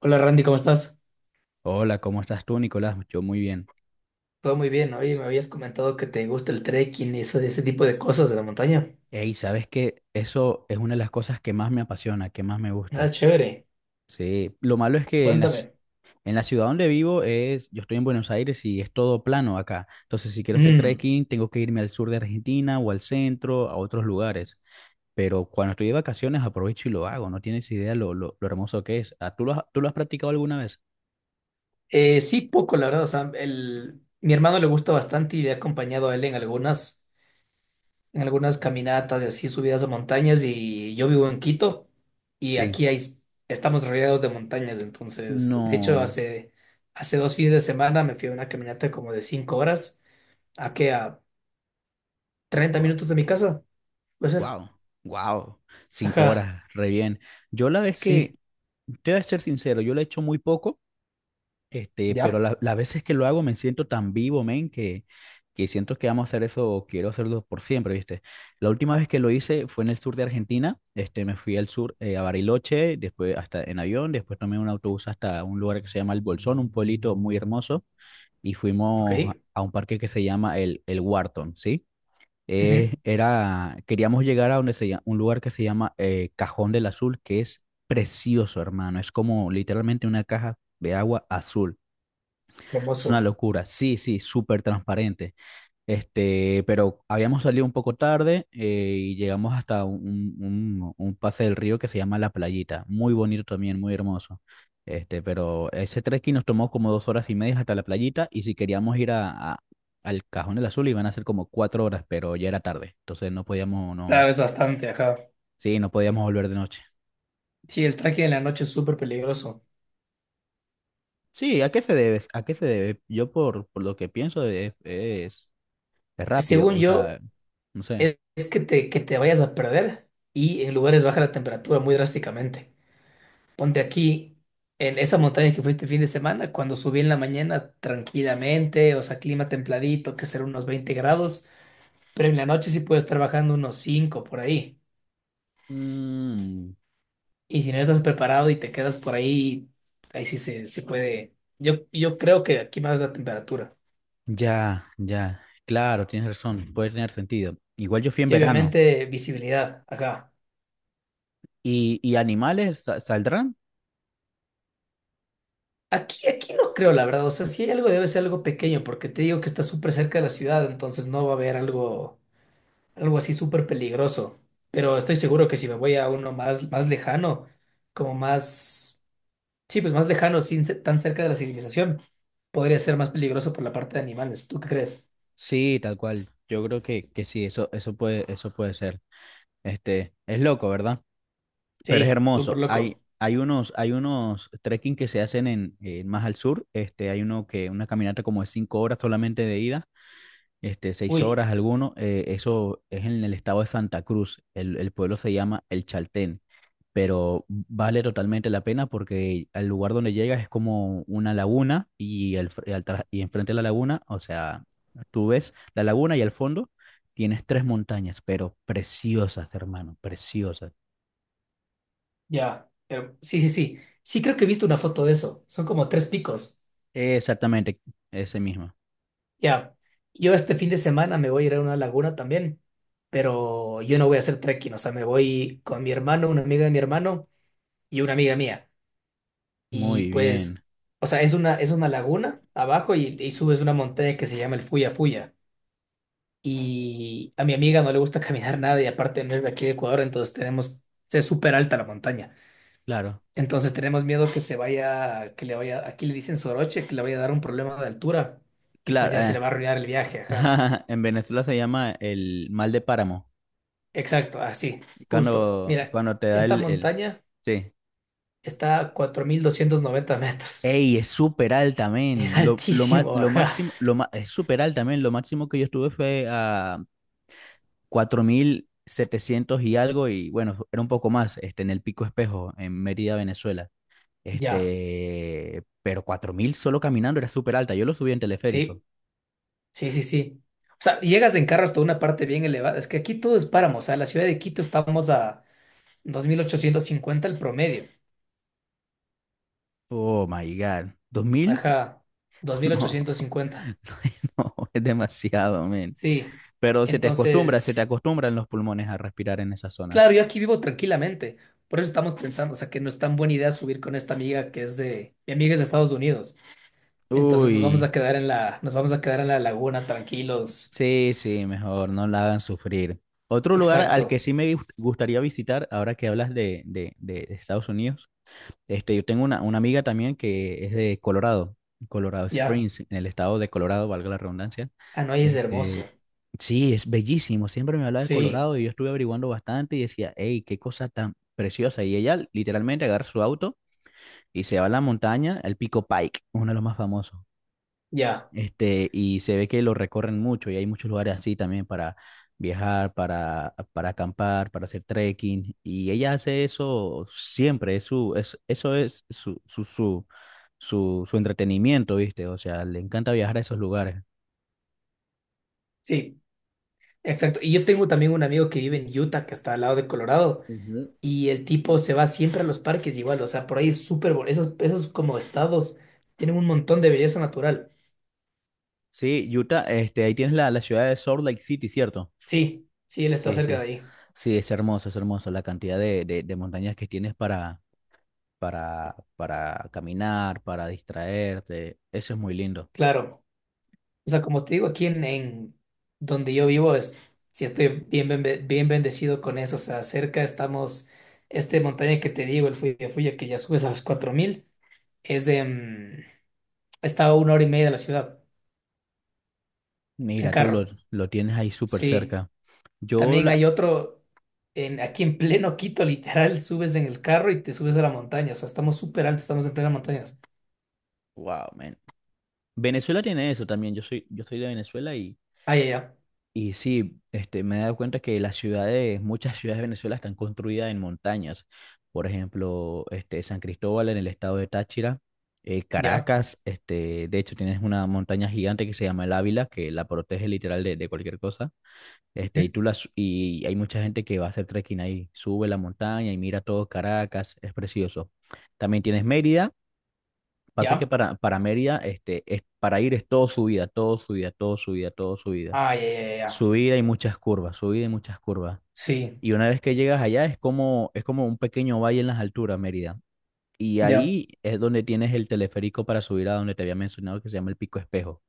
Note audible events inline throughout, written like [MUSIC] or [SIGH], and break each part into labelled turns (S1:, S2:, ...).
S1: Hola Randy, ¿cómo estás?
S2: Hola, ¿cómo estás tú, Nicolás? Yo muy bien.
S1: Todo muy bien, oye, me habías comentado que te gusta el trekking y ese tipo de cosas de la montaña.
S2: Ey, ¿sabes qué? Eso es una de las cosas que más me apasiona, que más me
S1: Ah,
S2: gusta.
S1: chévere,
S2: Sí, lo malo es que
S1: cuéntame.
S2: en la ciudad donde vivo es, yo estoy en Buenos Aires y es todo plano acá. Entonces, si quiero hacer
S1: Mm.
S2: trekking, tengo que irme al sur de Argentina o al centro, a otros lugares. Pero cuando estoy de vacaciones, aprovecho y lo hago. No tienes idea lo hermoso que es. Ah, ¿tú lo has practicado alguna vez?
S1: Sí, poco, la verdad, o sea, mi hermano le gusta bastante y le he acompañado a él en algunas caminatas de así, subidas a montañas y yo vivo en Quito y
S2: Sí.
S1: estamos rodeados de montañas, entonces, de hecho,
S2: No.
S1: hace, hace dos fines de semana me fui a una caminata como de 5 horas, ¿a qué? A treinta
S2: Guau.
S1: minutos de mi casa, puede ser.
S2: Wow, wow, cinco
S1: Ajá.
S2: horas, re bien. Yo la vez que,
S1: Sí,
S2: te voy a ser sincero, yo lo he hecho muy poco, pero
S1: ya,
S2: las veces que lo hago me siento tan vivo, men, que siento que amo hacer eso, quiero hacerlo por siempre, ¿viste? La última vez que lo hice fue en el sur de Argentina, me fui al sur, a Bariloche, después hasta en avión, después tomé un autobús hasta un lugar que se llama El Bolsón, un pueblito muy hermoso, y fuimos
S1: ok.
S2: a un parque que se llama el Wharton, ¿sí?
S1: Ujú.
S2: Queríamos llegar a donde se llama, un lugar que se llama Cajón del Azul, que es precioso, hermano. Es como literalmente una caja de agua azul. Es una
S1: Hermoso.
S2: locura. Sí, sí, súper transparente. Pero habíamos salido un poco tarde, y llegamos hasta un pase del río que se llama La Playita. Muy bonito también, muy hermoso. Pero ese trekking nos tomó como 2 horas y media hasta la playita, y si queríamos ir al Cajón del Azul iban a ser como 4 horas, pero ya era tarde. Entonces no podíamos, no,
S1: Claro, es bastante, ajá.
S2: sí, no podíamos volver de noche.
S1: Sí, el trekking en la noche es súper peligroso.
S2: Sí, ¿a qué se debe? ¿A qué se debe? Yo por lo que pienso es, rápido,
S1: Según
S2: o sea,
S1: yo,
S2: no sé.
S1: es que te vayas a perder y en lugares baja la temperatura muy drásticamente. Ponte aquí, en esa montaña que fuiste fin de semana, cuando subí en la mañana tranquilamente, o sea, clima templadito, que será unos 20 grados, pero en la noche sí puede estar bajando unos 5 por ahí.
S2: Mm.
S1: Y si no estás preparado y te quedas por ahí, ahí sí se puede. Yo creo que aquí más la temperatura.
S2: Ya, ya, claro, tienes razón, puede tener sentido. Igual yo fui en
S1: Y
S2: verano.
S1: obviamente visibilidad, acá.
S2: ¿Y animales saldrán?
S1: Aquí no creo, la verdad. O sea, si hay algo, debe ser algo pequeño, porque te digo que está súper cerca de la ciudad, entonces no va a haber algo así súper peligroso. Pero estoy seguro que si me voy a uno más, más lejano, como más, sí, pues más lejano, sin ser tan cerca de la civilización, podría ser más peligroso por la parte de animales. ¿Tú qué crees?
S2: Sí, tal cual. Yo creo que sí, eso puede ser. Es loco, ¿verdad? Pero es
S1: Sí, súper
S2: hermoso. Hay,
S1: loco.
S2: hay unos trekking que se hacen en más al sur. Hay uno que, una caminata como de 5 horas solamente de ida, seis
S1: Uy.
S2: horas alguno, eso es en el estado de Santa Cruz, el pueblo se llama El Chaltén, pero vale totalmente la pena porque al lugar donde llegas es como una laguna y, al fr- y al tra- y enfrente de la laguna, o sea, tú ves la laguna y al fondo tienes tres montañas, pero preciosas, hermano, preciosas.
S1: Ya, sí, sí, sí. Sí, creo que he visto una foto de eso. Son como tres picos.
S2: Exactamente, ese mismo.
S1: Ya. Yo este fin de semana me voy a ir a una laguna también, pero yo no voy a hacer trekking. O sea, me voy con mi hermano, una amiga de mi hermano y una amiga mía. Y
S2: Muy bien,
S1: pues, o sea, es una laguna abajo y, subes una montaña que se llama el Fuya Fuya. Y a mi amiga no le gusta [LAUGHS] caminar nada y aparte no es de aquí de Ecuador, entonces es súper alta la montaña.
S2: claro,
S1: Entonces tenemos miedo que le vaya, aquí le dicen soroche, que le vaya a dar un problema de altura y pues
S2: claro.
S1: ya se le va a arruinar el viaje, ajá.
S2: [LAUGHS] En Venezuela se llama el mal de páramo.
S1: Exacto, así, justo.
S2: Cuando,
S1: Mira,
S2: cuando te da
S1: esta
S2: el.
S1: montaña
S2: Sí.
S1: está a 4.290 metros.
S2: Ey, es súper alta,
S1: [LAUGHS] Es
S2: men.
S1: altísimo,
S2: Lo
S1: ajá.
S2: máximo, es súper alta, men. Lo máximo que yo estuve fue a 4.700 y algo, y bueno, era un poco más, en el Pico Espejo, en Mérida, Venezuela.
S1: Ya,
S2: Pero 4.000 solo caminando era súper alta. Yo lo subí en teleférico.
S1: sí, sí, sí, sí. O sea, llegas en carro hasta una parte bien elevada. Es que aquí todo es páramo, o sea, la ciudad de Quito estamos a 2.850 el promedio.
S2: Oh my God. 2.000.
S1: Ajá, dos
S2: [LAUGHS]
S1: mil
S2: No,
S1: ochocientos cincuenta
S2: [LAUGHS] no, es demasiado, men.
S1: Sí,
S2: Pero se te
S1: entonces...
S2: acostumbran los pulmones a respirar en esas
S1: Claro,
S2: zonas.
S1: yo aquí vivo tranquilamente. Por eso estamos pensando, o sea, que no es tan buena idea subir con esta amiga mi amiga es de Estados Unidos. Entonces nos vamos a
S2: Uy.
S1: quedar en la laguna tranquilos.
S2: Sí, sí, mejor, no la hagan sufrir. Otro lugar al que
S1: Exacto.
S2: sí me gustaría visitar, ahora que hablas de Estados Unidos, yo tengo una amiga también que es de Colorado, Colorado
S1: Ya.
S2: Springs, en el estado de Colorado, valga la redundancia.
S1: Hanoi es hermoso.
S2: Este, sí, es bellísimo, siempre me habla de
S1: Sí,
S2: Colorado y yo estuve averiguando bastante y decía, hey, qué cosa tan preciosa. Y ella literalmente agarra su auto y se va a la montaña, al Pico Pike, uno de los más famosos.
S1: ya.
S2: Y se ve que lo recorren mucho y hay muchos lugares así también para viajar, para acampar, para hacer trekking. Y ella hace eso siempre, eso es su entretenimiento, ¿viste? O sea, le encanta viajar a esos lugares.
S1: Sí, exacto. Y yo tengo también un amigo que vive en Utah, que está al lado de Colorado,
S2: Ujú.
S1: y el tipo se va siempre a los parques igual, o sea, por ahí es súper, esos como estados tienen un montón de belleza natural.
S2: Sí, Utah, ahí tienes la ciudad de Salt Lake City, ¿cierto?
S1: Sí, sí, él está
S2: Sí,
S1: cerca de
S2: sí.
S1: ahí.
S2: Sí, es hermoso la cantidad de montañas que tienes para caminar, para distraerte. Eso es muy lindo.
S1: Claro. O sea, como te digo, aquí en donde yo vivo es, si estoy bien, bien bendecido con eso, o sea, cerca estamos, montaña que te digo, el Fuya Fuya, que ya subes a los 4.000 es, em, está a una hora y media de la ciudad, en
S2: Mira, tú lo,
S1: carro,
S2: lo tienes ahí súper
S1: sí.
S2: cerca. Yo
S1: También
S2: la...
S1: hay otro, aquí en pleno Quito, literal, subes en el carro y te subes a la montaña, o sea, estamos súper altos, estamos en plena montaña.
S2: Wow, man. Venezuela tiene eso también. Yo soy de Venezuela
S1: Ah, ya, ya,
S2: y sí, me he dado cuenta que las ciudades, muchas ciudades de Venezuela están construidas en montañas. Por ejemplo, San Cristóbal en el estado de Táchira,
S1: ya,
S2: Caracas, de hecho tienes una montaña gigante que se llama el Ávila, que la protege literal de cualquier cosa.
S1: ujú,
S2: Y hay mucha gente que va a hacer trekking ahí, sube la montaña y mira todo Caracas, es precioso. También tienes Mérida. Pasa que
S1: ya,
S2: para Mérida, para ir es todo subida, todo subida, todo subida, todo subida.
S1: ah, ya, ya, ya, ya.
S2: Subida y muchas curvas, subida y muchas curvas.
S1: Sí,
S2: Y una vez que llegas allá es como, un pequeño valle en las alturas, Mérida. Y
S1: ya,
S2: ahí es donde tienes el teleférico para subir a donde te había mencionado que se llama el Pico Espejo.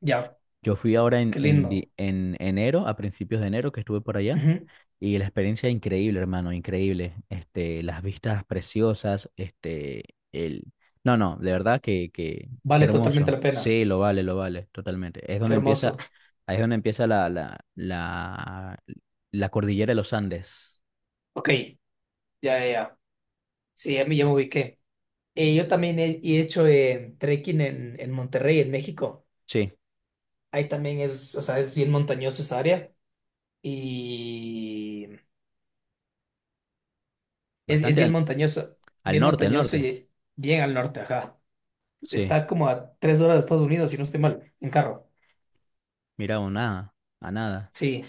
S1: ya,
S2: Yo fui ahora
S1: qué lindo.
S2: en enero, a principios de enero que estuve por allá, y la experiencia increíble, hermano, increíble. Las vistas preciosas, el... No, no, de verdad que
S1: Vale totalmente
S2: hermoso.
S1: la pena.
S2: Sí, lo vale, totalmente.
S1: Qué hermoso.
S2: Ahí es donde empieza la cordillera de los Andes.
S1: Ok, ya, ya, ya. Sí, ya me ubiqué. Yo también he hecho trekking en, Monterrey, en México.
S2: Sí,
S1: Ahí también es, o sea, es bien montañoso esa área y es
S2: bastante al, al
S1: bien
S2: norte, al
S1: montañoso
S2: norte.
S1: y bien al norte, ajá.
S2: Sí,
S1: Está como a 3 horas de Estados Unidos, si no estoy mal, en carro.
S2: mira, a nada, a nada.
S1: Sí,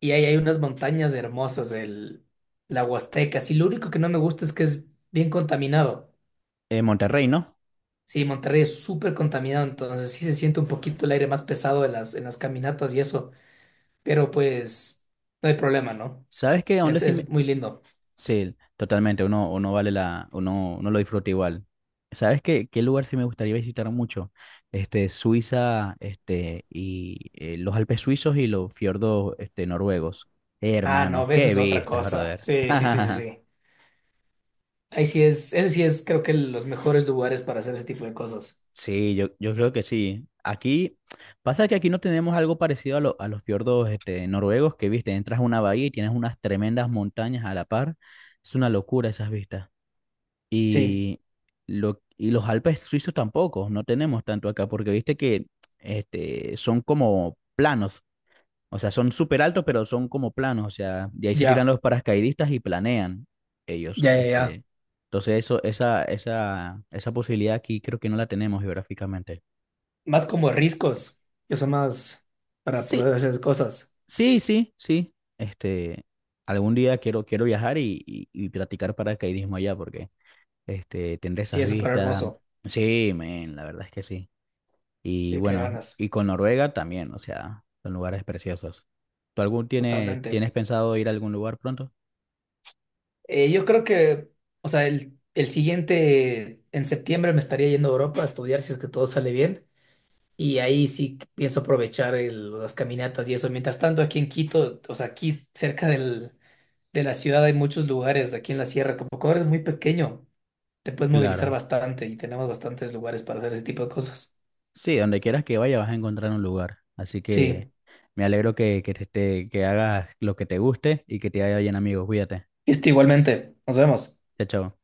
S1: y ahí hay unas montañas hermosas, la Huasteca. Sí, lo único que no me gusta es que es bien contaminado.
S2: Monterrey, ¿no?
S1: Sí, Monterrey es súper contaminado, entonces sí se siente un poquito el aire más pesado en las caminatas y eso, pero pues no hay problema, ¿no?
S2: ¿Sabes qué? ¿A dónde
S1: Es,
S2: sí?
S1: es muy lindo.
S2: Sí, totalmente, uno, uno vale la, uno, uno lo disfruta igual. ¿Sabes qué lugar sí me gustaría visitar mucho? Suiza, los Alpes suizos y los fiordos, noruegos.
S1: Ah, no,
S2: Hermano,
S1: ves,
S2: qué
S1: es otra
S2: vistas,
S1: cosa.
S2: brother.
S1: Sí, sí, sí, sí,
S2: [LAUGHS]
S1: sí. Ese sí es, creo que los mejores lugares para hacer ese tipo de cosas.
S2: Sí, yo creo que sí. Aquí, pasa que aquí no tenemos algo parecido a los fiordos, noruegos, que viste, entras a una bahía y tienes unas tremendas montañas a la par. Es una locura esas vistas.
S1: Sí,
S2: Y, y los Alpes suizos tampoco, no tenemos tanto acá, porque viste que son como planos, o sea, son súper altos, pero son como planos, o sea, de ahí se tiran
S1: ya,
S2: los paracaidistas y planean ellos.
S1: ya, ya, ya.
S2: Entonces, esa posibilidad aquí creo que no la tenemos geográficamente.
S1: Más como riscos, que son más para
S2: Sí,
S1: poder hacer esas cosas.
S2: sí, sí, sí. Este, Algún día quiero, viajar y practicar paracaidismo allá, porque tendré
S1: Sí,
S2: esas
S1: es súper
S2: vistas.
S1: hermoso.
S2: Sí, men, la verdad es que sí. Y
S1: Sí, qué
S2: bueno,
S1: ganas,
S2: y con Noruega también, o sea, son lugares preciosos. ¿Tú algún tienes,
S1: totalmente.
S2: tienes pensado ir a algún lugar pronto?
S1: Yo creo que, o sea, el, siguiente, en septiembre me estaría yendo a Europa a estudiar si es que todo sale bien. Y ahí sí pienso aprovechar las caminatas y eso. Mientras tanto, aquí en Quito, o sea, aquí cerca de la ciudad hay muchos lugares, aquí en la sierra, como Ecuador es muy pequeño, te puedes movilizar
S2: Claro.
S1: bastante y tenemos bastantes lugares para hacer ese tipo de cosas.
S2: Sí, donde quieras que vaya vas a encontrar un lugar. Así que
S1: Sí,
S2: me alegro que hagas lo que te guste y que te haya bien amigos. Cuídate.
S1: listo, igualmente. Nos vemos.
S2: Chao, chao.